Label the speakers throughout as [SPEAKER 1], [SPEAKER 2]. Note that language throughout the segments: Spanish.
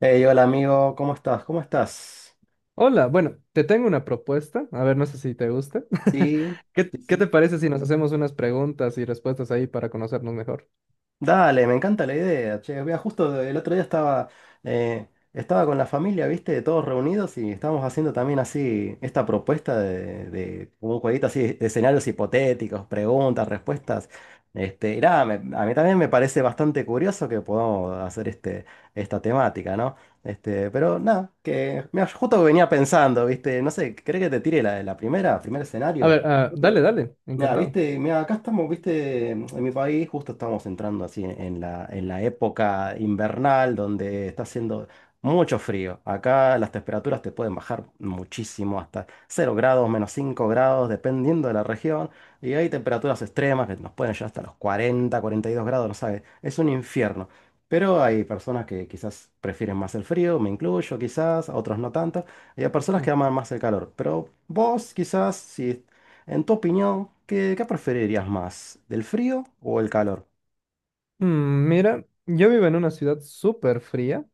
[SPEAKER 1] Hey, hola amigo, ¿cómo estás? ¿Cómo estás?
[SPEAKER 2] Hola, bueno, te tengo una propuesta. A ver, no sé si te gusta.
[SPEAKER 1] Sí,
[SPEAKER 2] ¿Qué,
[SPEAKER 1] sí,
[SPEAKER 2] qué te
[SPEAKER 1] sí.
[SPEAKER 2] parece si nos hacemos unas preguntas y respuestas ahí para conocernos mejor?
[SPEAKER 1] Dale, me encanta la idea. Che, vea, justo el otro día estaba, eh, estaba con la familia, ¿viste? Todos reunidos y estábamos haciendo también así esta propuesta de un jueguito así de escenarios hipotéticos, preguntas, respuestas. Este, y nada, a mí también me parece bastante curioso que podamos hacer esta temática, ¿no? Este, pero nada, que mira, yo justo venía pensando, ¿viste? No sé, ¿crees que te tire la primer
[SPEAKER 2] A
[SPEAKER 1] escenario?
[SPEAKER 2] ver,
[SPEAKER 1] Justo
[SPEAKER 2] dale, dale,
[SPEAKER 1] Ya,
[SPEAKER 2] encantado.
[SPEAKER 1] viste, mira, acá estamos, viste, en mi país justo estamos entrando así en en la época invernal donde está haciendo mucho frío. Acá las temperaturas te pueden bajar muchísimo, hasta 0 grados, -5 grados, dependiendo de la región. Y hay temperaturas extremas que nos pueden llegar hasta los 42 grados, no sabes, es un infierno. Pero hay personas que quizás prefieren más el frío, me incluyo quizás, otros no tanto. Y hay personas que
[SPEAKER 2] Mm.
[SPEAKER 1] aman más el calor. Pero vos quizás, si en tu opinión, qué preferirías más? ¿Del frío o el calor?
[SPEAKER 2] Mira, yo vivo en una ciudad súper fría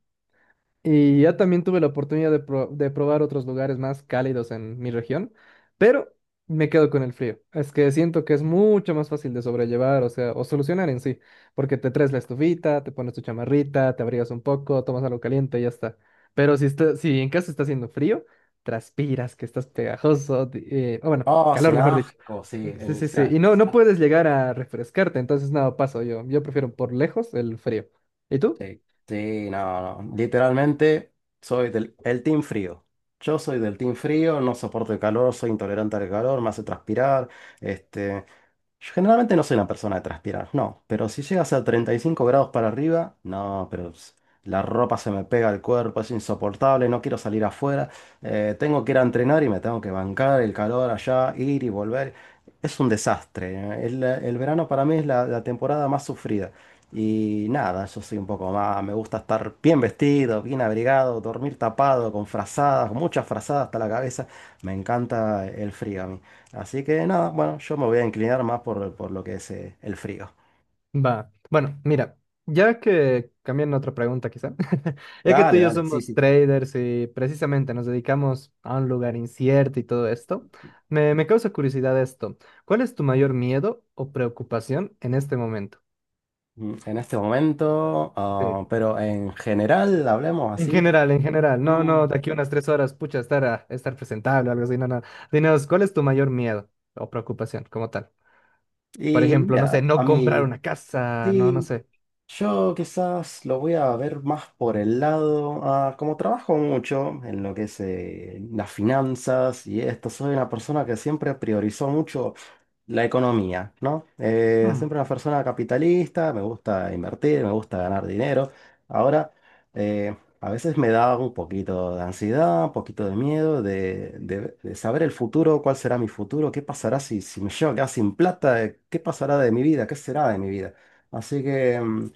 [SPEAKER 2] y ya también tuve la oportunidad de probar otros lugares más cálidos en mi región, pero me quedo con el frío. Es que siento que es mucho más fácil de sobrellevar, o sea, o solucionar en sí, porque te traes la estufita, te pones tu chamarrita, te abrigas un poco, tomas algo caliente y ya está. Pero si en casa está haciendo frío, transpiras, que estás pegajoso, o bueno,
[SPEAKER 1] Oh, es
[SPEAKER 2] calor
[SPEAKER 1] un
[SPEAKER 2] mejor dicho.
[SPEAKER 1] asco, sí.
[SPEAKER 2] Sí,
[SPEAKER 1] O
[SPEAKER 2] sí, sí.
[SPEAKER 1] sea,
[SPEAKER 2] Y no,
[SPEAKER 1] es un
[SPEAKER 2] no
[SPEAKER 1] asco.
[SPEAKER 2] puedes llegar a refrescarte, entonces nada, paso yo. Yo prefiero por lejos el frío. ¿Y tú?
[SPEAKER 1] Sí, sí, no, no. Literalmente soy del el team frío. Yo soy del team frío, no soporto el calor, soy intolerante al calor, me hace transpirar. este. Yo generalmente no soy una persona de transpirar, no, pero si llegas a 35 grados para arriba, no, la ropa se me pega al cuerpo, es insoportable, no quiero salir afuera, tengo que ir a entrenar y me tengo que bancar el calor allá, ir y volver. Es un desastre. El verano para mí es la temporada más sufrida. Y nada, yo soy un poco más, me gusta estar bien vestido, bien abrigado, dormir tapado, con frazadas, con muchas frazadas hasta la cabeza. Me encanta el frío a mí. Así que nada, bueno, yo me voy a inclinar más por lo que es el frío.
[SPEAKER 2] Va. Bueno, mira, ya que cambian otra pregunta quizá, ya que tú
[SPEAKER 1] Dale,
[SPEAKER 2] y yo
[SPEAKER 1] dale, sí,
[SPEAKER 2] somos
[SPEAKER 1] sí.
[SPEAKER 2] traders y precisamente nos dedicamos a un lugar incierto y todo esto, me causa curiosidad esto. ¿Cuál es tu mayor miedo o preocupación en este momento?
[SPEAKER 1] En este momento,
[SPEAKER 2] Sí.
[SPEAKER 1] ah, pero en general, hablemos así.
[SPEAKER 2] En general, no,
[SPEAKER 1] Mm,
[SPEAKER 2] no, de aquí unas tres horas, pucha, estar presentable o algo así, no, no. Dinos, ¿cuál es tu mayor miedo o preocupación como tal? Por
[SPEAKER 1] Y
[SPEAKER 2] ejemplo, no sé,
[SPEAKER 1] mira, a
[SPEAKER 2] no comprar
[SPEAKER 1] mí,
[SPEAKER 2] una casa, no, no
[SPEAKER 1] sí,
[SPEAKER 2] sé.
[SPEAKER 1] yo quizás lo voy a ver más por el lado, ah, como trabajo mucho en lo que es las finanzas y esto, soy una persona que siempre priorizó mucho la economía, ¿no? Siempre una persona capitalista, me gusta invertir, me gusta ganar dinero. Ahora, eh, a veces me da un poquito de ansiedad, un poquito de miedo de saber el futuro, cuál será mi futuro, qué pasará si me llego a quedar sin plata, qué pasará de mi vida, qué será de mi vida. Así que,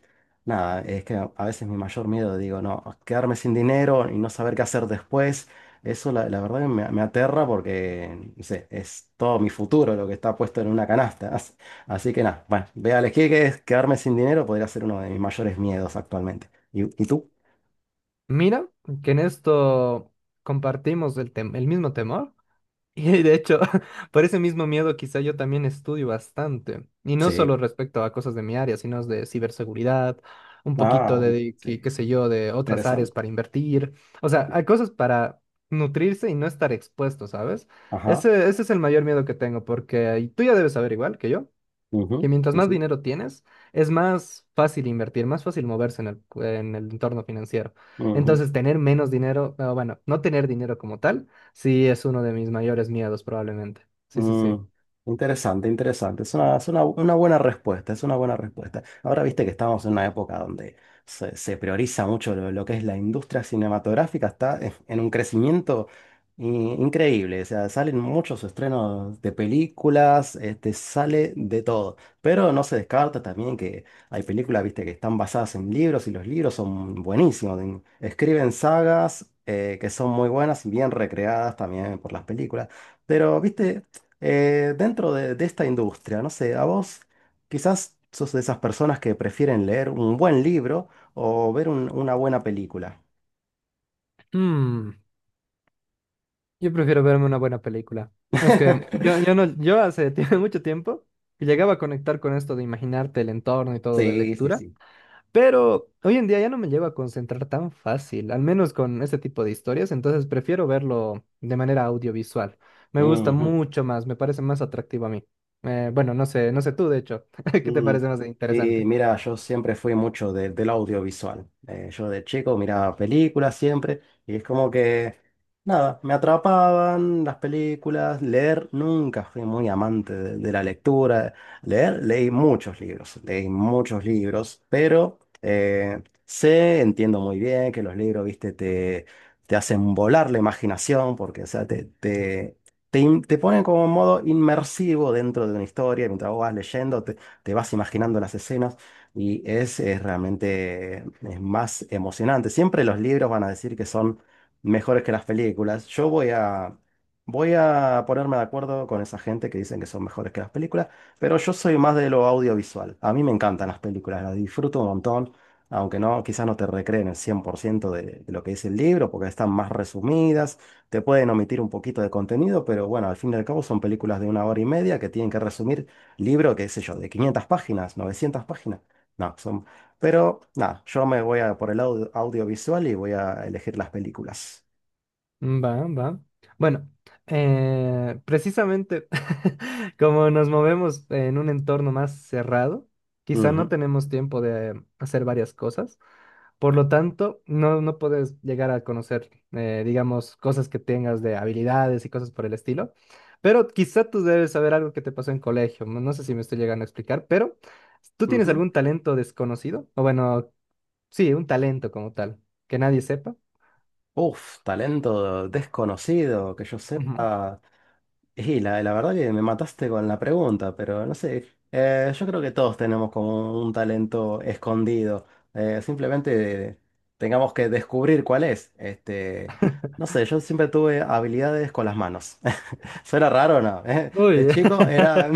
[SPEAKER 1] nada, es que a veces mi mayor miedo, digo, no, quedarme sin dinero y no saber qué hacer después. Eso la verdad que me aterra porque, no sé, es todo mi futuro lo que está puesto en una canasta. Así, así que nada, bueno, voy a elegir que es quedarme sin dinero podría ser uno de mis mayores miedos actualmente. Y tú?
[SPEAKER 2] Mira que en esto compartimos el mismo temor y de hecho por ese mismo miedo quizá yo también estudio bastante y no solo
[SPEAKER 1] Sí.
[SPEAKER 2] respecto a cosas de mi área, sino de ciberseguridad, un poquito
[SPEAKER 1] Ah,
[SPEAKER 2] de,
[SPEAKER 1] sí,
[SPEAKER 2] qué sé yo, de otras áreas
[SPEAKER 1] interesante.
[SPEAKER 2] para invertir, o sea, hay cosas para nutrirse y no estar expuesto, ¿sabes?
[SPEAKER 1] Ajá.
[SPEAKER 2] Ese es el mayor miedo que tengo porque y tú ya debes saber igual que yo que
[SPEAKER 1] Ujú,
[SPEAKER 2] mientras
[SPEAKER 1] sí,
[SPEAKER 2] más
[SPEAKER 1] sí.
[SPEAKER 2] dinero tienes, es más fácil invertir, más fácil moverse en el entorno financiero.
[SPEAKER 1] Ujú.
[SPEAKER 2] Entonces, tener menos dinero, ah, bueno, no tener dinero como tal, sí es uno de mis mayores miedos probablemente. Sí, sí,
[SPEAKER 1] Mm,
[SPEAKER 2] sí.
[SPEAKER 1] interesante, interesante. Es una buena respuesta, es una buena respuesta. Ahora viste que estamos en una época donde se prioriza mucho lo que es la industria cinematográfica, está en un crecimiento i- increíble. O sea, salen muchos estrenos de películas, este, sale de todo. Pero no se descarta también que hay películas, viste, que están basadas en libros y los libros son buenísimos. Escriben sagas que son muy buenas y bien recreadas también por las películas. Pero, viste, dentro de esta industria, no sé, a vos quizás sos de esas personas que prefieren leer un buen libro o ver una buena película.
[SPEAKER 2] Mm, yo prefiero verme una buena película. Es que yo, yo no, yo hace mucho tiempo que llegaba a conectar con esto de imaginarte el entorno y todo de
[SPEAKER 1] Sí, sí,
[SPEAKER 2] lectura.
[SPEAKER 1] sí.
[SPEAKER 2] Pero hoy en día ya no me llego a concentrar tan fácil, al menos con este tipo de historias, entonces prefiero verlo de manera audiovisual. Me gusta
[SPEAKER 1] Ujú.
[SPEAKER 2] mucho más, me parece más atractivo a mí. Bueno, no sé tú, de hecho, ¿qué te
[SPEAKER 1] Mm,
[SPEAKER 2] parece más
[SPEAKER 1] Y
[SPEAKER 2] interesante?
[SPEAKER 1] mira, yo siempre fui mucho del audiovisual. Yo de chico miraba películas siempre y es como que, nada, me atrapaban las películas. Leer, nunca fui muy amante de la lectura. Leer, leí muchos libros, pero sé, entiendo muy bien que los libros, viste, te hacen volar la imaginación porque, o sea, te ponen como en modo inmersivo dentro de una historia mientras vos vas leyendo te vas imaginando las escenas y es, realmente es más emocionante. Siempre los libros van a decir que son mejores que las películas. Voy a ponerme de acuerdo con esa gente que dicen que son mejores que las películas, pero yo soy más de lo audiovisual. A mí me encantan las películas, las disfruto un montón. Aunque no, quizás no te recreen el 100% de lo que dice el libro, porque están más resumidas, te pueden omitir un poquito de contenido, pero bueno, al fin y al cabo son películas de una hora y media que tienen que resumir libro, qué sé yo, de 500 páginas, 900 páginas. No, son... Pero nada, yo me voy a por el audiovisual y voy a elegir las películas.
[SPEAKER 2] Va, va. Bueno, precisamente como nos movemos en un entorno más cerrado, quizá no
[SPEAKER 1] Ujú,
[SPEAKER 2] tenemos tiempo de hacer varias cosas. Por lo tanto, no, no puedes llegar a conocer, digamos, cosas que tengas de habilidades y cosas por el estilo. Pero quizá tú debes saber algo que te pasó en colegio. No no sé si me estoy llegando a explicar, pero ¿tú tienes
[SPEAKER 1] ujú.
[SPEAKER 2] algún talento desconocido? O bueno, sí, un talento como tal, que nadie sepa.
[SPEAKER 1] Uf, talento desconocido, que yo
[SPEAKER 2] Ujú.
[SPEAKER 1] sepa. Y la verdad que me mataste con la pregunta, pero no sé. Yo creo que todos tenemos como un talento escondido. Simplemente tengamos que descubrir cuál es. Este, no sé, yo siempre tuve habilidades con las manos. Suena raro, ¿no? De
[SPEAKER 2] Uy.
[SPEAKER 1] chico era...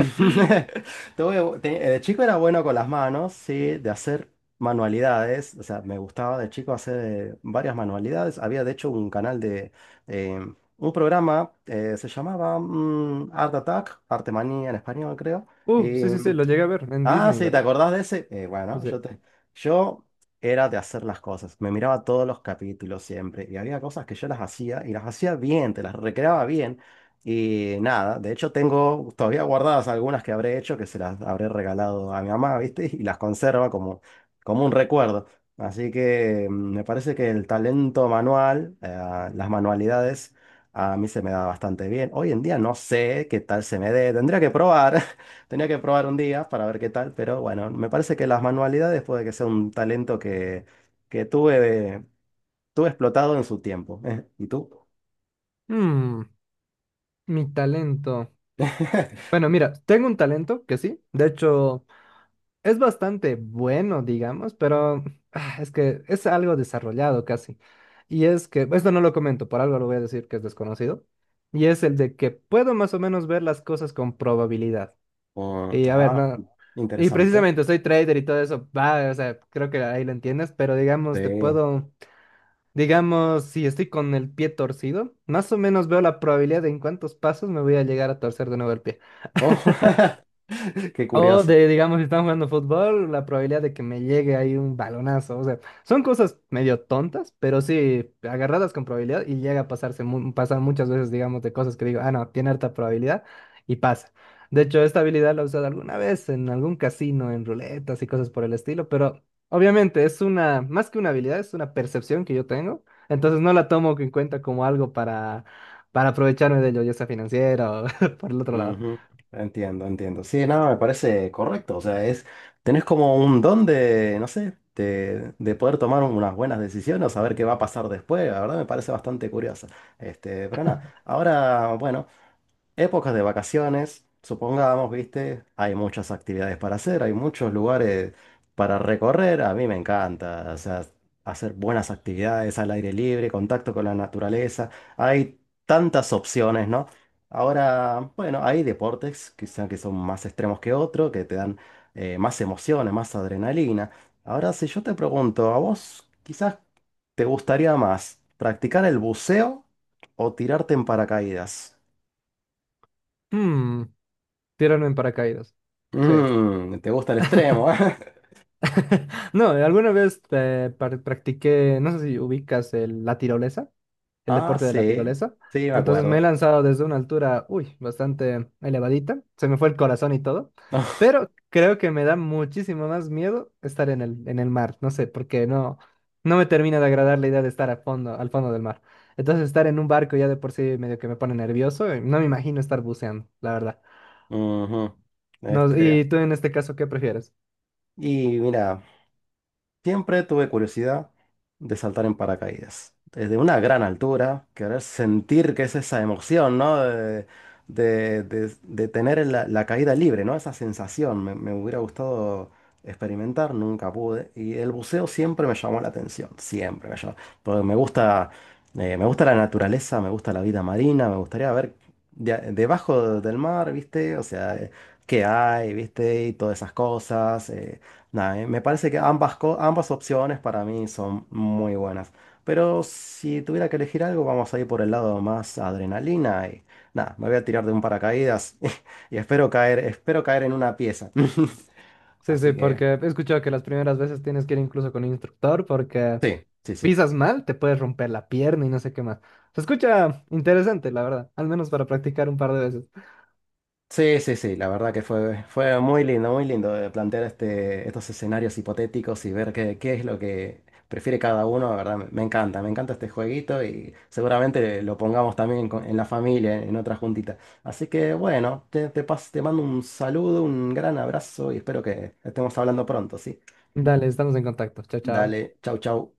[SPEAKER 1] De chico era bueno con las manos, sí, de hacer manualidades. O sea, me gustaba de chico hacer varias manualidades. Había de hecho un canal de... eh, un programa, se llamaba Art Attack, Arte Manía en español, creo.
[SPEAKER 2] Sí, sí, sí, lo llegué a ver en
[SPEAKER 1] Ah,
[SPEAKER 2] Disney,
[SPEAKER 1] sí, ¿te
[SPEAKER 2] ¿verdad?
[SPEAKER 1] acordás de ese? Bueno,
[SPEAKER 2] Dice,
[SPEAKER 1] yo era de hacer las cosas. Me miraba todos los capítulos siempre. Y había cosas que yo las hacía y las hacía bien, te las recreaba bien. Y nada, de hecho tengo todavía guardadas algunas que habré hecho, que se las habré regalado a mi mamá, ¿viste? Y las conserva como, como un recuerdo. Así que me parece que el talento manual, las manualidades, a mí se me da bastante bien. Hoy en día no sé qué tal se me dé, tendría que probar. Tenía que probar un día para ver qué tal, pero bueno, me parece que las manualidades puede que sea un talento que tuve, tuve explotado en su tiempo. ¿Eh? ¿Y tú?
[SPEAKER 2] "Mm, mi talento." Bueno, mira, tengo un talento que sí. De hecho. Es bastante bueno, digamos, pero es que es algo desarrollado casi. Y es que, esto no lo comento, por algo lo voy a decir que es desconocido. Y es el de que puedo más o menos ver las cosas con probabilidad.
[SPEAKER 1] Oh,
[SPEAKER 2] Y a ver,
[SPEAKER 1] ah,
[SPEAKER 2] no. Y
[SPEAKER 1] interesante.
[SPEAKER 2] precisamente soy trader y todo eso, va, o sea, creo que ahí lo entiendes, pero digamos,
[SPEAKER 1] Sí.
[SPEAKER 2] digamos, si estoy con el pie torcido, más o menos veo la probabilidad de en cuántos pasos me voy a llegar a torcer de nuevo el pie.
[SPEAKER 1] Oh, qué
[SPEAKER 2] O
[SPEAKER 1] curioso.
[SPEAKER 2] de, digamos, si están jugando fútbol, la probabilidad de que me llegue ahí un balonazo. O sea, son cosas medio tontas, pero sí agarradas con probabilidad y llega a pasarse, pasar muchas veces, digamos, de cosas que digo, ah, no, tiene harta probabilidad y pasa. De hecho, esta habilidad la he usado alguna vez en algún casino, en ruletas y cosas por el estilo, pero obviamente es una, más que una habilidad, es una percepción que yo tengo. Entonces no la tomo en cuenta como algo para aprovecharme de ello, ya sea financiero o por el otro lado.
[SPEAKER 1] Ujú, entiendo, entiendo. Sí, no, me parece correcto. O sea, es, tenés como un don de, no sé, de poder tomar unas buenas decisiones o saber qué va a pasar después. La verdad me parece bastante curioso. Este, pero nada, ahora, bueno. Épocas de vacaciones, supongamos, viste, hay muchas actividades para hacer, hay muchos lugares para recorrer, a mí me encanta, o sea, hacer buenas actividades al aire libre, contacto con la naturaleza, hay tantas opciones, ¿no? Ahora, bueno, hay deportes quizá que son más extremos que otros, que te dan más emociones, más adrenalina. Ahora, si yo te pregunto, ¿a vos quizás te gustaría más practicar el buceo o tirarte en paracaídas?
[SPEAKER 2] Hmm, tiraron en paracaídas. Sí.
[SPEAKER 1] Mm, te gusta el extremo, ¿eh?
[SPEAKER 2] No, alguna vez practiqué, no sé si ubicas la tirolesa, el
[SPEAKER 1] Ah,
[SPEAKER 2] deporte de la
[SPEAKER 1] sí,
[SPEAKER 2] tirolesa.
[SPEAKER 1] sí, me
[SPEAKER 2] Entonces me he
[SPEAKER 1] acuerdo.
[SPEAKER 2] lanzado desde una altura, uy, bastante elevadita. Se me fue el corazón y todo. Pero creo que me da muchísimo más miedo estar en el mar. No sé, porque no, no me termina de agradar la idea de estar a fondo, al fondo del mar. Entonces estar en un barco ya de por sí medio que me pone nervioso. Y no me imagino estar buceando, la verdad.
[SPEAKER 1] Ujú.
[SPEAKER 2] No,
[SPEAKER 1] Este,
[SPEAKER 2] ¿y tú en este caso, qué prefieres?
[SPEAKER 1] y mira, siempre tuve curiosidad de saltar en paracaídas. Desde una gran altura, querer sentir que es esa emoción, ¿no? De tener la caída libre, ¿no? Esa sensación me hubiera gustado experimentar, nunca pude. Y el buceo siempre me llamó la atención, siempre me llamó. Porque me gusta la naturaleza, me gusta la vida marina, me gustaría ver debajo del mar, ¿viste? O sea, qué hay, ¿viste? Y todas esas cosas. Nada, Me parece que ambas, ambas opciones para mí son muy buenas. Pero si tuviera que elegir algo, vamos a ir por el lado más adrenalina y nada, me voy a tirar de un paracaídas y espero caer en una pieza.
[SPEAKER 2] Sí, sí,
[SPEAKER 1] Así
[SPEAKER 2] porque
[SPEAKER 1] que
[SPEAKER 2] he escuchado que las primeras veces tienes que ir incluso con un instructor porque
[SPEAKER 1] sí, sí, sí.
[SPEAKER 2] pisas mal, te puedes romper la pierna y no sé qué más. Se escucha interesante, la verdad, al menos para practicar un par de veces.
[SPEAKER 1] Sí, sí, sí, la verdad que fue, fue muy lindo de plantear este, estos escenarios hipotéticos y ver qué, qué es lo que prefiere cada uno, la verdad, me encanta este jueguito y seguramente lo pongamos también en la familia, en otra juntita. Así que bueno, te mando un saludo, un gran abrazo y espero que estemos hablando pronto, ¿sí?
[SPEAKER 2] Dale, estamos en contacto. Chao, chao.
[SPEAKER 1] Dale, chau, chau.